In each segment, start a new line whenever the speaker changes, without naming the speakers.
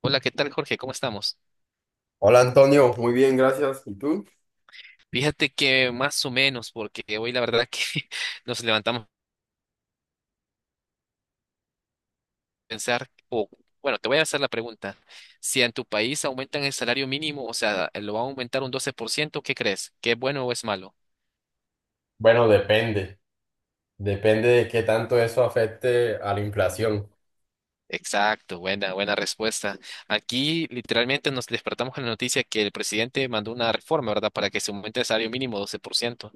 Hola, ¿qué tal, Jorge? ¿Cómo estamos?
Hola Antonio, muy bien, gracias. ¿Y tú?
Fíjate que más o menos, porque hoy la verdad que nos levantamos a pensar, o bueno, te voy a hacer la pregunta, si en tu país aumentan el salario mínimo, o sea, lo van a aumentar un 12%, ¿qué crees? ¿Qué es bueno o es malo?
Bueno, depende de qué tanto eso afecte a la inflación.
Exacto, buena, buena respuesta. Aquí literalmente nos despertamos con la noticia que el presidente mandó una reforma, ¿verdad? Para que se aumente el salario mínimo 12%.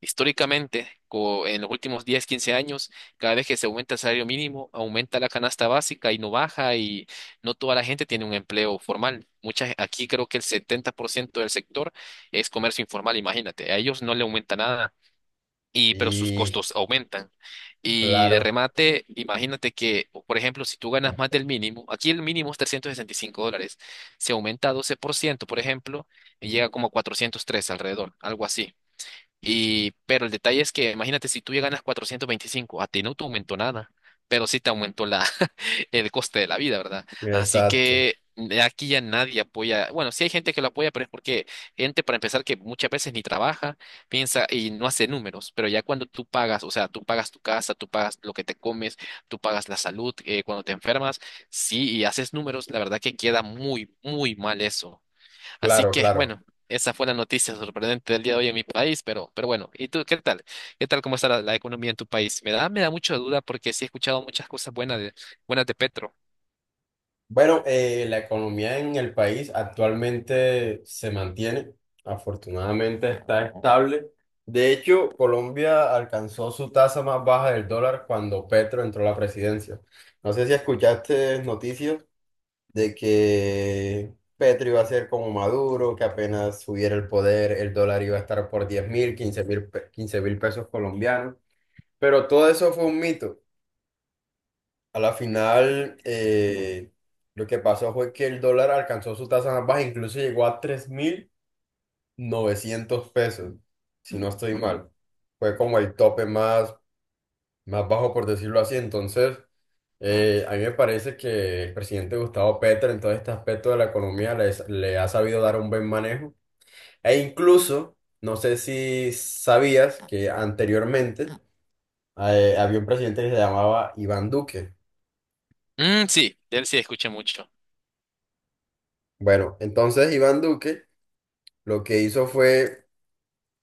Históricamente, en los últimos 10, 15 años, cada vez que se aumenta el salario mínimo, aumenta la canasta básica y no baja y no toda la gente tiene un empleo formal. Muchas, aquí creo que el 70% del sector es comercio informal, imagínate, a ellos no le aumenta nada. Y, pero sus
Y
costos aumentan. Y de
claro,
remate, imagínate que, o por ejemplo, si tú ganas más del mínimo, aquí el mínimo es 365 dólares, se aumenta a 12%, por ciento, por ejemplo, y llega como a 403 alrededor, algo así. Y, pero el detalle es que, imagínate, si tú ya ganas 425, a ti no te aumentó nada, pero sí te aumentó la, el coste de la vida, ¿verdad? Así
exacto,
que aquí ya nadie apoya, bueno, sí hay gente que lo apoya, pero es porque gente, para empezar, que muchas veces ni trabaja, piensa y no hace números, pero ya cuando tú pagas, o sea, tú pagas tu casa, tú pagas lo que te comes, tú pagas la salud, cuando te enfermas, sí, y haces números, la verdad que queda muy, muy mal eso. Así
claro,
que,
claro.
bueno, esa fue la noticia sorprendente del día de hoy en mi país, pero bueno, ¿y tú qué tal? ¿Qué tal cómo está la economía en tu país? Me da mucha duda porque sí he escuchado muchas cosas buenas de Petro.
Bueno, la economía en el país actualmente se mantiene, afortunadamente está estable. De hecho, Colombia alcanzó su tasa más baja del dólar cuando Petro entró a la presidencia. No sé si escuchaste noticias de que Petro iba a ser como Maduro, que apenas subiera el poder, el dólar iba a estar por 10.000, quince mil pesos colombianos. Pero todo eso fue un mito. A la final, lo que pasó fue que el dólar alcanzó su tasa más baja, incluso llegó a 3.900 pesos, si no estoy mal. Fue como el tope más bajo por decirlo así. Entonces, a mí me parece que el presidente Gustavo Petro en todo este aspecto de la economía le ha sabido dar un buen manejo. E incluso, no sé si sabías que anteriormente había un presidente que se llamaba Iván Duque.
Mm, sí, de él sí escuché mucho.
Bueno, entonces Iván Duque lo que hizo fue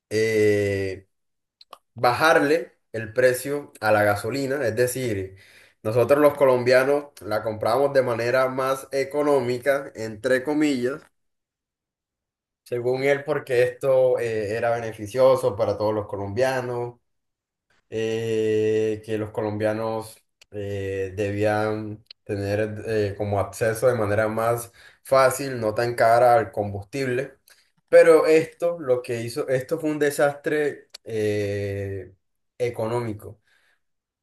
eh, bajarle el precio a la gasolina, es decir, nosotros los colombianos la compramos de manera más económica, entre comillas, según él, porque esto era beneficioso para todos los colombianos, que los colombianos debían tener como acceso de manera más fácil, no tan cara al combustible. Pero esto, lo que hizo, esto fue un desastre económico,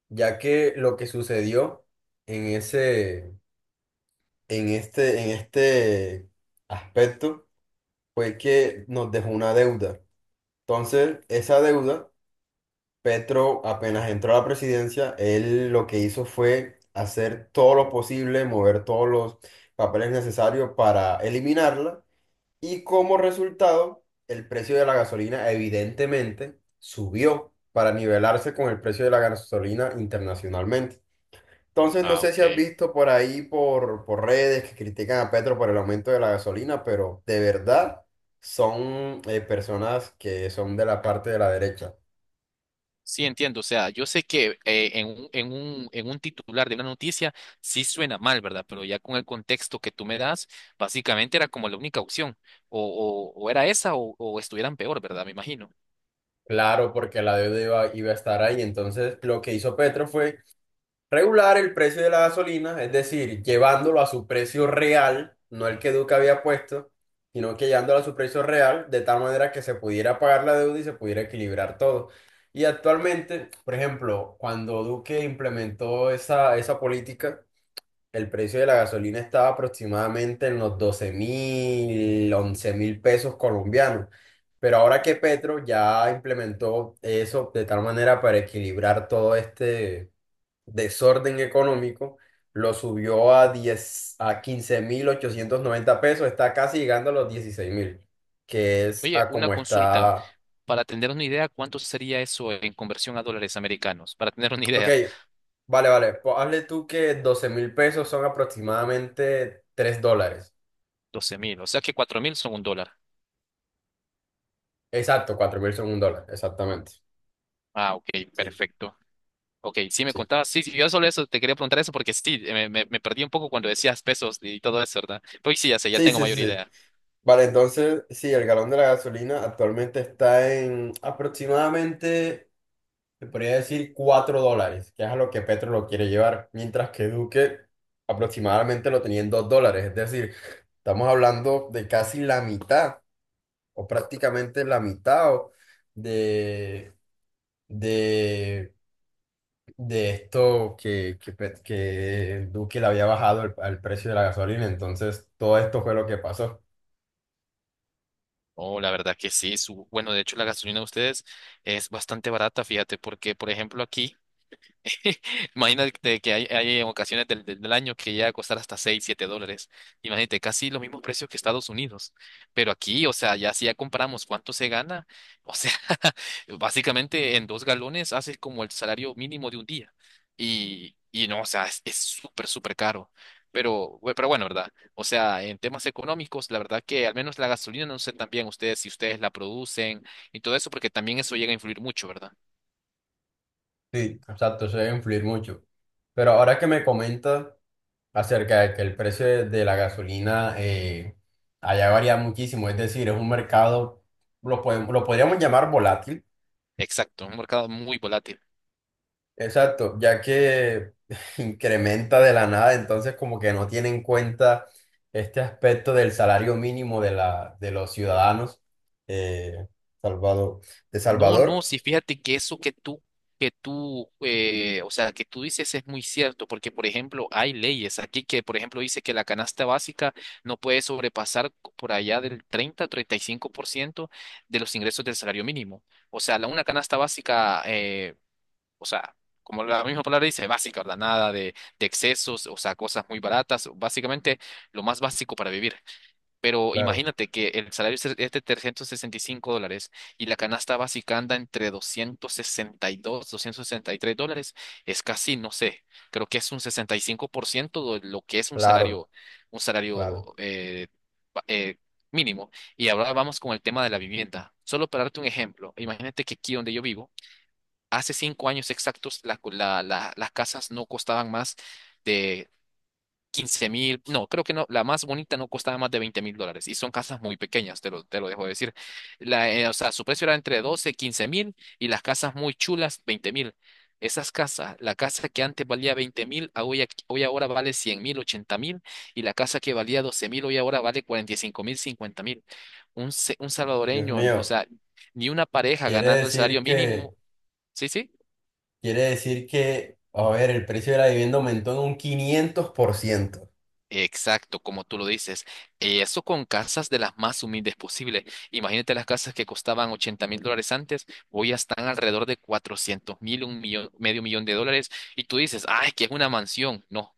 ya que lo que sucedió en ese, en este aspecto fue que nos dejó una deuda. Entonces, esa deuda, Petro, apenas entró a la presidencia, él lo que hizo fue hacer todo lo posible, mover todos los papeles necesarios para eliminarla, y como resultado, el precio de la gasolina evidentemente subió para nivelarse con el precio de la gasolina internacionalmente. Entonces, no
Ah,
sé si
ok.
has visto por ahí, por redes, que critican a Petro por el aumento de la gasolina, pero de verdad son personas que son de la parte de la derecha.
Sí, entiendo. O sea, yo sé que en un titular de una noticia sí suena mal, ¿verdad? Pero ya con el contexto que tú me das, básicamente era como la única opción. O, o era esa o estuvieran peor, ¿verdad? Me imagino.
Claro, porque la deuda iba a estar ahí. Entonces, lo que hizo Petro fue regular el precio de la gasolina, es decir, llevándolo a su precio real, no el que Duque había puesto, sino que llevándolo a su precio real, de tal manera que se pudiera pagar la deuda y se pudiera equilibrar todo. Y actualmente, por ejemplo, cuando Duque implementó esa política, el precio de la gasolina estaba aproximadamente en los 12.000, 11.000 pesos colombianos. Pero ahora que Petro ya implementó eso de tal manera para equilibrar todo este desorden económico, lo subió a 15.890 pesos, está casi llegando a los 16.000, que es
Oye,
a
una
como
consulta.
está.
Para tener una idea, ¿cuánto sería eso en conversión a dólares americanos? Para tener una
Ok,
idea,
vale, vale, pues hazle tú que 12.000 pesos son aproximadamente 3 dólares.
doce mil. O sea que 4 mil son un dólar.
Exacto, 4.000 son un dólar, exactamente.
Ah, ok,
Sí,
perfecto. Ok, sí me
sí.
contabas. Sí, sí, yo solo eso te quería preguntar eso porque sí, me perdí un poco cuando decías pesos y todo eso, ¿verdad? Pues sí, ya sé, ya
Sí,
tengo
sí, sí,
mayor
sí.
idea.
Vale, entonces, sí, el galón de la gasolina actualmente está en aproximadamente, se podría decir, 4 dólares, que es a lo que Petro lo quiere llevar, mientras que Duque aproximadamente lo tenía en 2 dólares, es decir, estamos hablando de casi la mitad, o prácticamente la mitad o- de, de, de esto que Duque le había bajado el- al precio de la gasolina, entonces todo esto fue lo que pasó.
Oh, la verdad que sí. Bueno, de hecho, la gasolina de ustedes es bastante barata, fíjate, porque, por ejemplo, aquí. Imagínate que hay ocasiones del año que llega a costar hasta 6 7 dólares. Imagínate, casi los mismos precios que Estados Unidos. Pero aquí, o sea, ya si ya comparamos cuánto se gana, o sea, básicamente en dos galones haces como el salario mínimo de un día. Y no, o sea, es súper, súper caro. Pero, pero bueno, ¿verdad? O sea, en temas económicos, la verdad que al menos la gasolina, no sé también ustedes si ustedes la producen y todo eso, porque también eso llega a influir mucho, ¿verdad?
Sí, exacto, eso debe influir mucho. Pero ahora que me comentas acerca de que el precio de la gasolina allá varía muchísimo, es decir, es un mercado, lo podríamos llamar volátil,
Exacto, un mercado muy volátil.
exacto, ya que incrementa de la nada, entonces como que no tiene en cuenta este aspecto del salario mínimo de los ciudadanos eh, Salvador, de
No, no,
Salvador,
sí, fíjate que eso o sea, que tú dices es muy cierto, porque, por ejemplo, hay leyes aquí que, por ejemplo, dice que la canasta básica no puede sobrepasar por allá del 30-35% de los ingresos del salario mínimo. O sea, una canasta básica, o sea, como la misma palabra dice, básica, ¿verdad? Nada de excesos, o sea, cosas muy baratas, básicamente lo más básico para vivir. Pero
Claro,
imagínate que el salario es de $365 y la canasta básica anda entre doscientos doscientos sesenta sesenta y dos doscientos sesenta y tres dólares. Es casi, no sé, creo que es un 65% de lo que es un
claro,
salario, un
claro,
salario eh, ba- eh, mínimo. Y ahora vamos con el tema de la vivienda. Solo para darte un ejemplo, imagínate que aquí donde yo vivo, hace 5 años exactos las casas no costaban más 15.000, no, creo que no, la más bonita no costaba más de $20.000 y son casas muy pequeñas, te lo dejo de decir. O sea, su precio era entre 12 15 mil y las casas muy chulas, 20.000. Esas casas, la casa que antes valía 20.000, a hoy, hoy ahora vale 100.000, 80.000 y la casa que valía 12.000, hoy ahora vale 45.000, 50.000. Un
Dios
salvadoreño, o
mío,
sea, ni una pareja
quiere
ganando el
decir
salario mínimo,
que...
sí, sí.
Quiere decir que, a ver, el precio de la vivienda aumentó en un 500%.
Exacto, como tú lo dices. Eso con casas de las más humildes posibles. Imagínate las casas que costaban $80.000 antes, hoy ya están alrededor de 400.000, un millón, medio millón de dólares. Y tú dices, ah, es que es una mansión. No,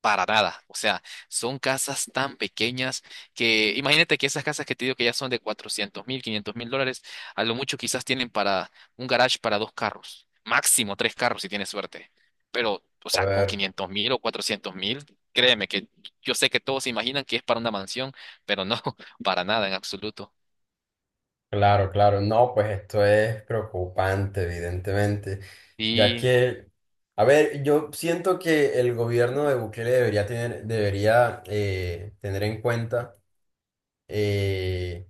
para nada. O sea, son casas tan pequeñas que imagínate que esas casas que te digo que ya son de 400.000, $500.000, a lo mucho quizás tienen para un garage para dos carros, máximo tres carros si tienes suerte. Pero, o sea, con
Joder,
500.000 o 400.000, créeme que yo sé que todos se imaginan que es para una mansión, pero no, para nada en absoluto.
claro, claro. No, pues esto es preocupante, evidentemente, ya
Y
que, a ver, yo siento que el gobierno de Bukele debería tener en cuenta, eh,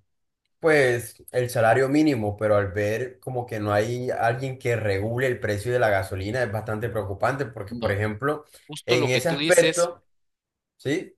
pues, el salario mínimo, pero al ver como que no hay alguien que regule el precio de la gasolina es bastante preocupante, porque, por
no,
ejemplo,
justo
en
lo que
ese
tú dices.
aspecto, sí,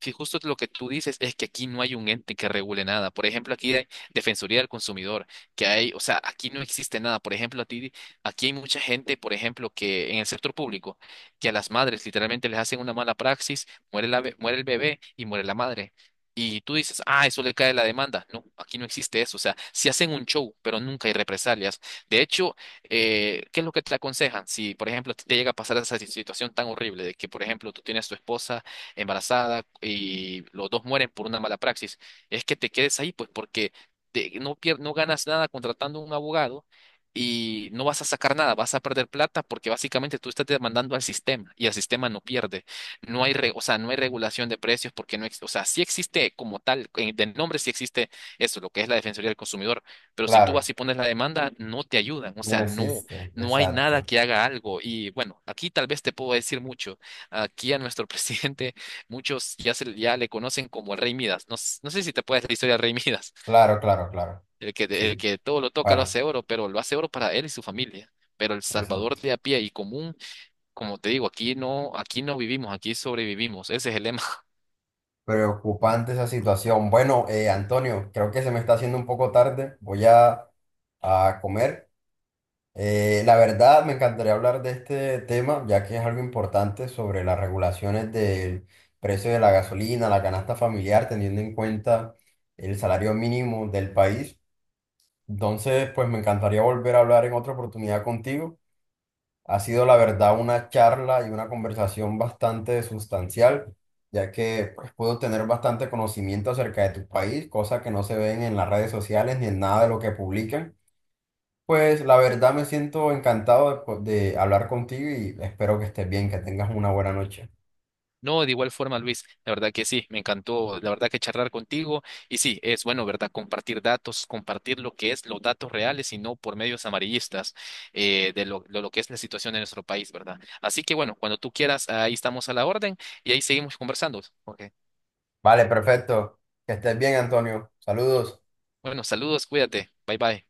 Si justo lo que tú dices es que aquí no hay un ente que regule nada. Por ejemplo, aquí hay Defensoría del Consumidor, que hay, o sea, aquí no existe nada. Por ejemplo, aquí hay mucha gente, por ejemplo, que en el sector público, que a las madres literalmente les hacen una mala praxis, muere el bebé y muere la madre. Y tú dices, ah, eso le cae la demanda. No, aquí no existe eso. O sea, si hacen un show, pero nunca hay represalias. De hecho, ¿qué es lo que te aconsejan? Si, por ejemplo, te llega a pasar esa situación tan horrible de que, por ejemplo, tú tienes tu esposa embarazada y los dos mueren por una mala praxis, es que te quedes ahí, pues porque no, no ganas nada contratando un abogado y no vas a sacar nada, vas a perder plata porque básicamente tú estás demandando al sistema y el sistema no pierde. No hay, re- O sea, no hay regulación de precios porque no, o sea, sí existe como tal, de nombre sí existe eso, lo que es la Defensoría del Consumidor, pero si tú
claro,
vas y pones la demanda, no te ayudan, o
no
sea, no,
existe,
no hay nada
exacto,
que haga algo. Y bueno, aquí tal vez te puedo decir mucho. Aquí a nuestro presidente. Muchos ya, ya le conocen como el Rey Midas. No, no sé si te puedes la historia del Rey Midas,
claro, claro, claro,
el que, el
sí.
que todo lo toca lo
Bueno.
hace oro, pero lo hace oro para él y su familia. Pero el salvador
Exacto.
de a pie y común, como te digo, aquí no vivimos, aquí sobrevivimos. Ese es el lema.
Preocupante esa situación. Bueno, Antonio, creo que se me está haciendo un poco tarde. Voy a comer. La verdad, me encantaría hablar de este tema, ya que es algo importante sobre las regulaciones del precio de la gasolina, la canasta familiar, teniendo en cuenta el salario mínimo del país. Entonces, pues me encantaría volver a hablar en otra oportunidad contigo. Ha sido la verdad una charla y una conversación bastante sustancial, ya que pues, puedo tener bastante conocimiento acerca de tu país, cosas que no se ven en las redes sociales ni en nada de lo que publican. Pues la verdad me siento encantado de hablar contigo y espero que estés bien, que tengas una buena noche.
No, de igual forma, Luis, la verdad que sí, me encantó, la verdad que charlar contigo y sí, es bueno, ¿verdad? Compartir datos, compartir lo que es los datos reales y no por medios amarillistas de lo que es la situación en nuestro país, ¿verdad? Así que bueno, cuando tú quieras, ahí estamos a la orden y ahí seguimos conversando. Ok.
Vale, perfecto. Que estés bien, Antonio. Saludos.
Bueno, saludos, cuídate, bye bye.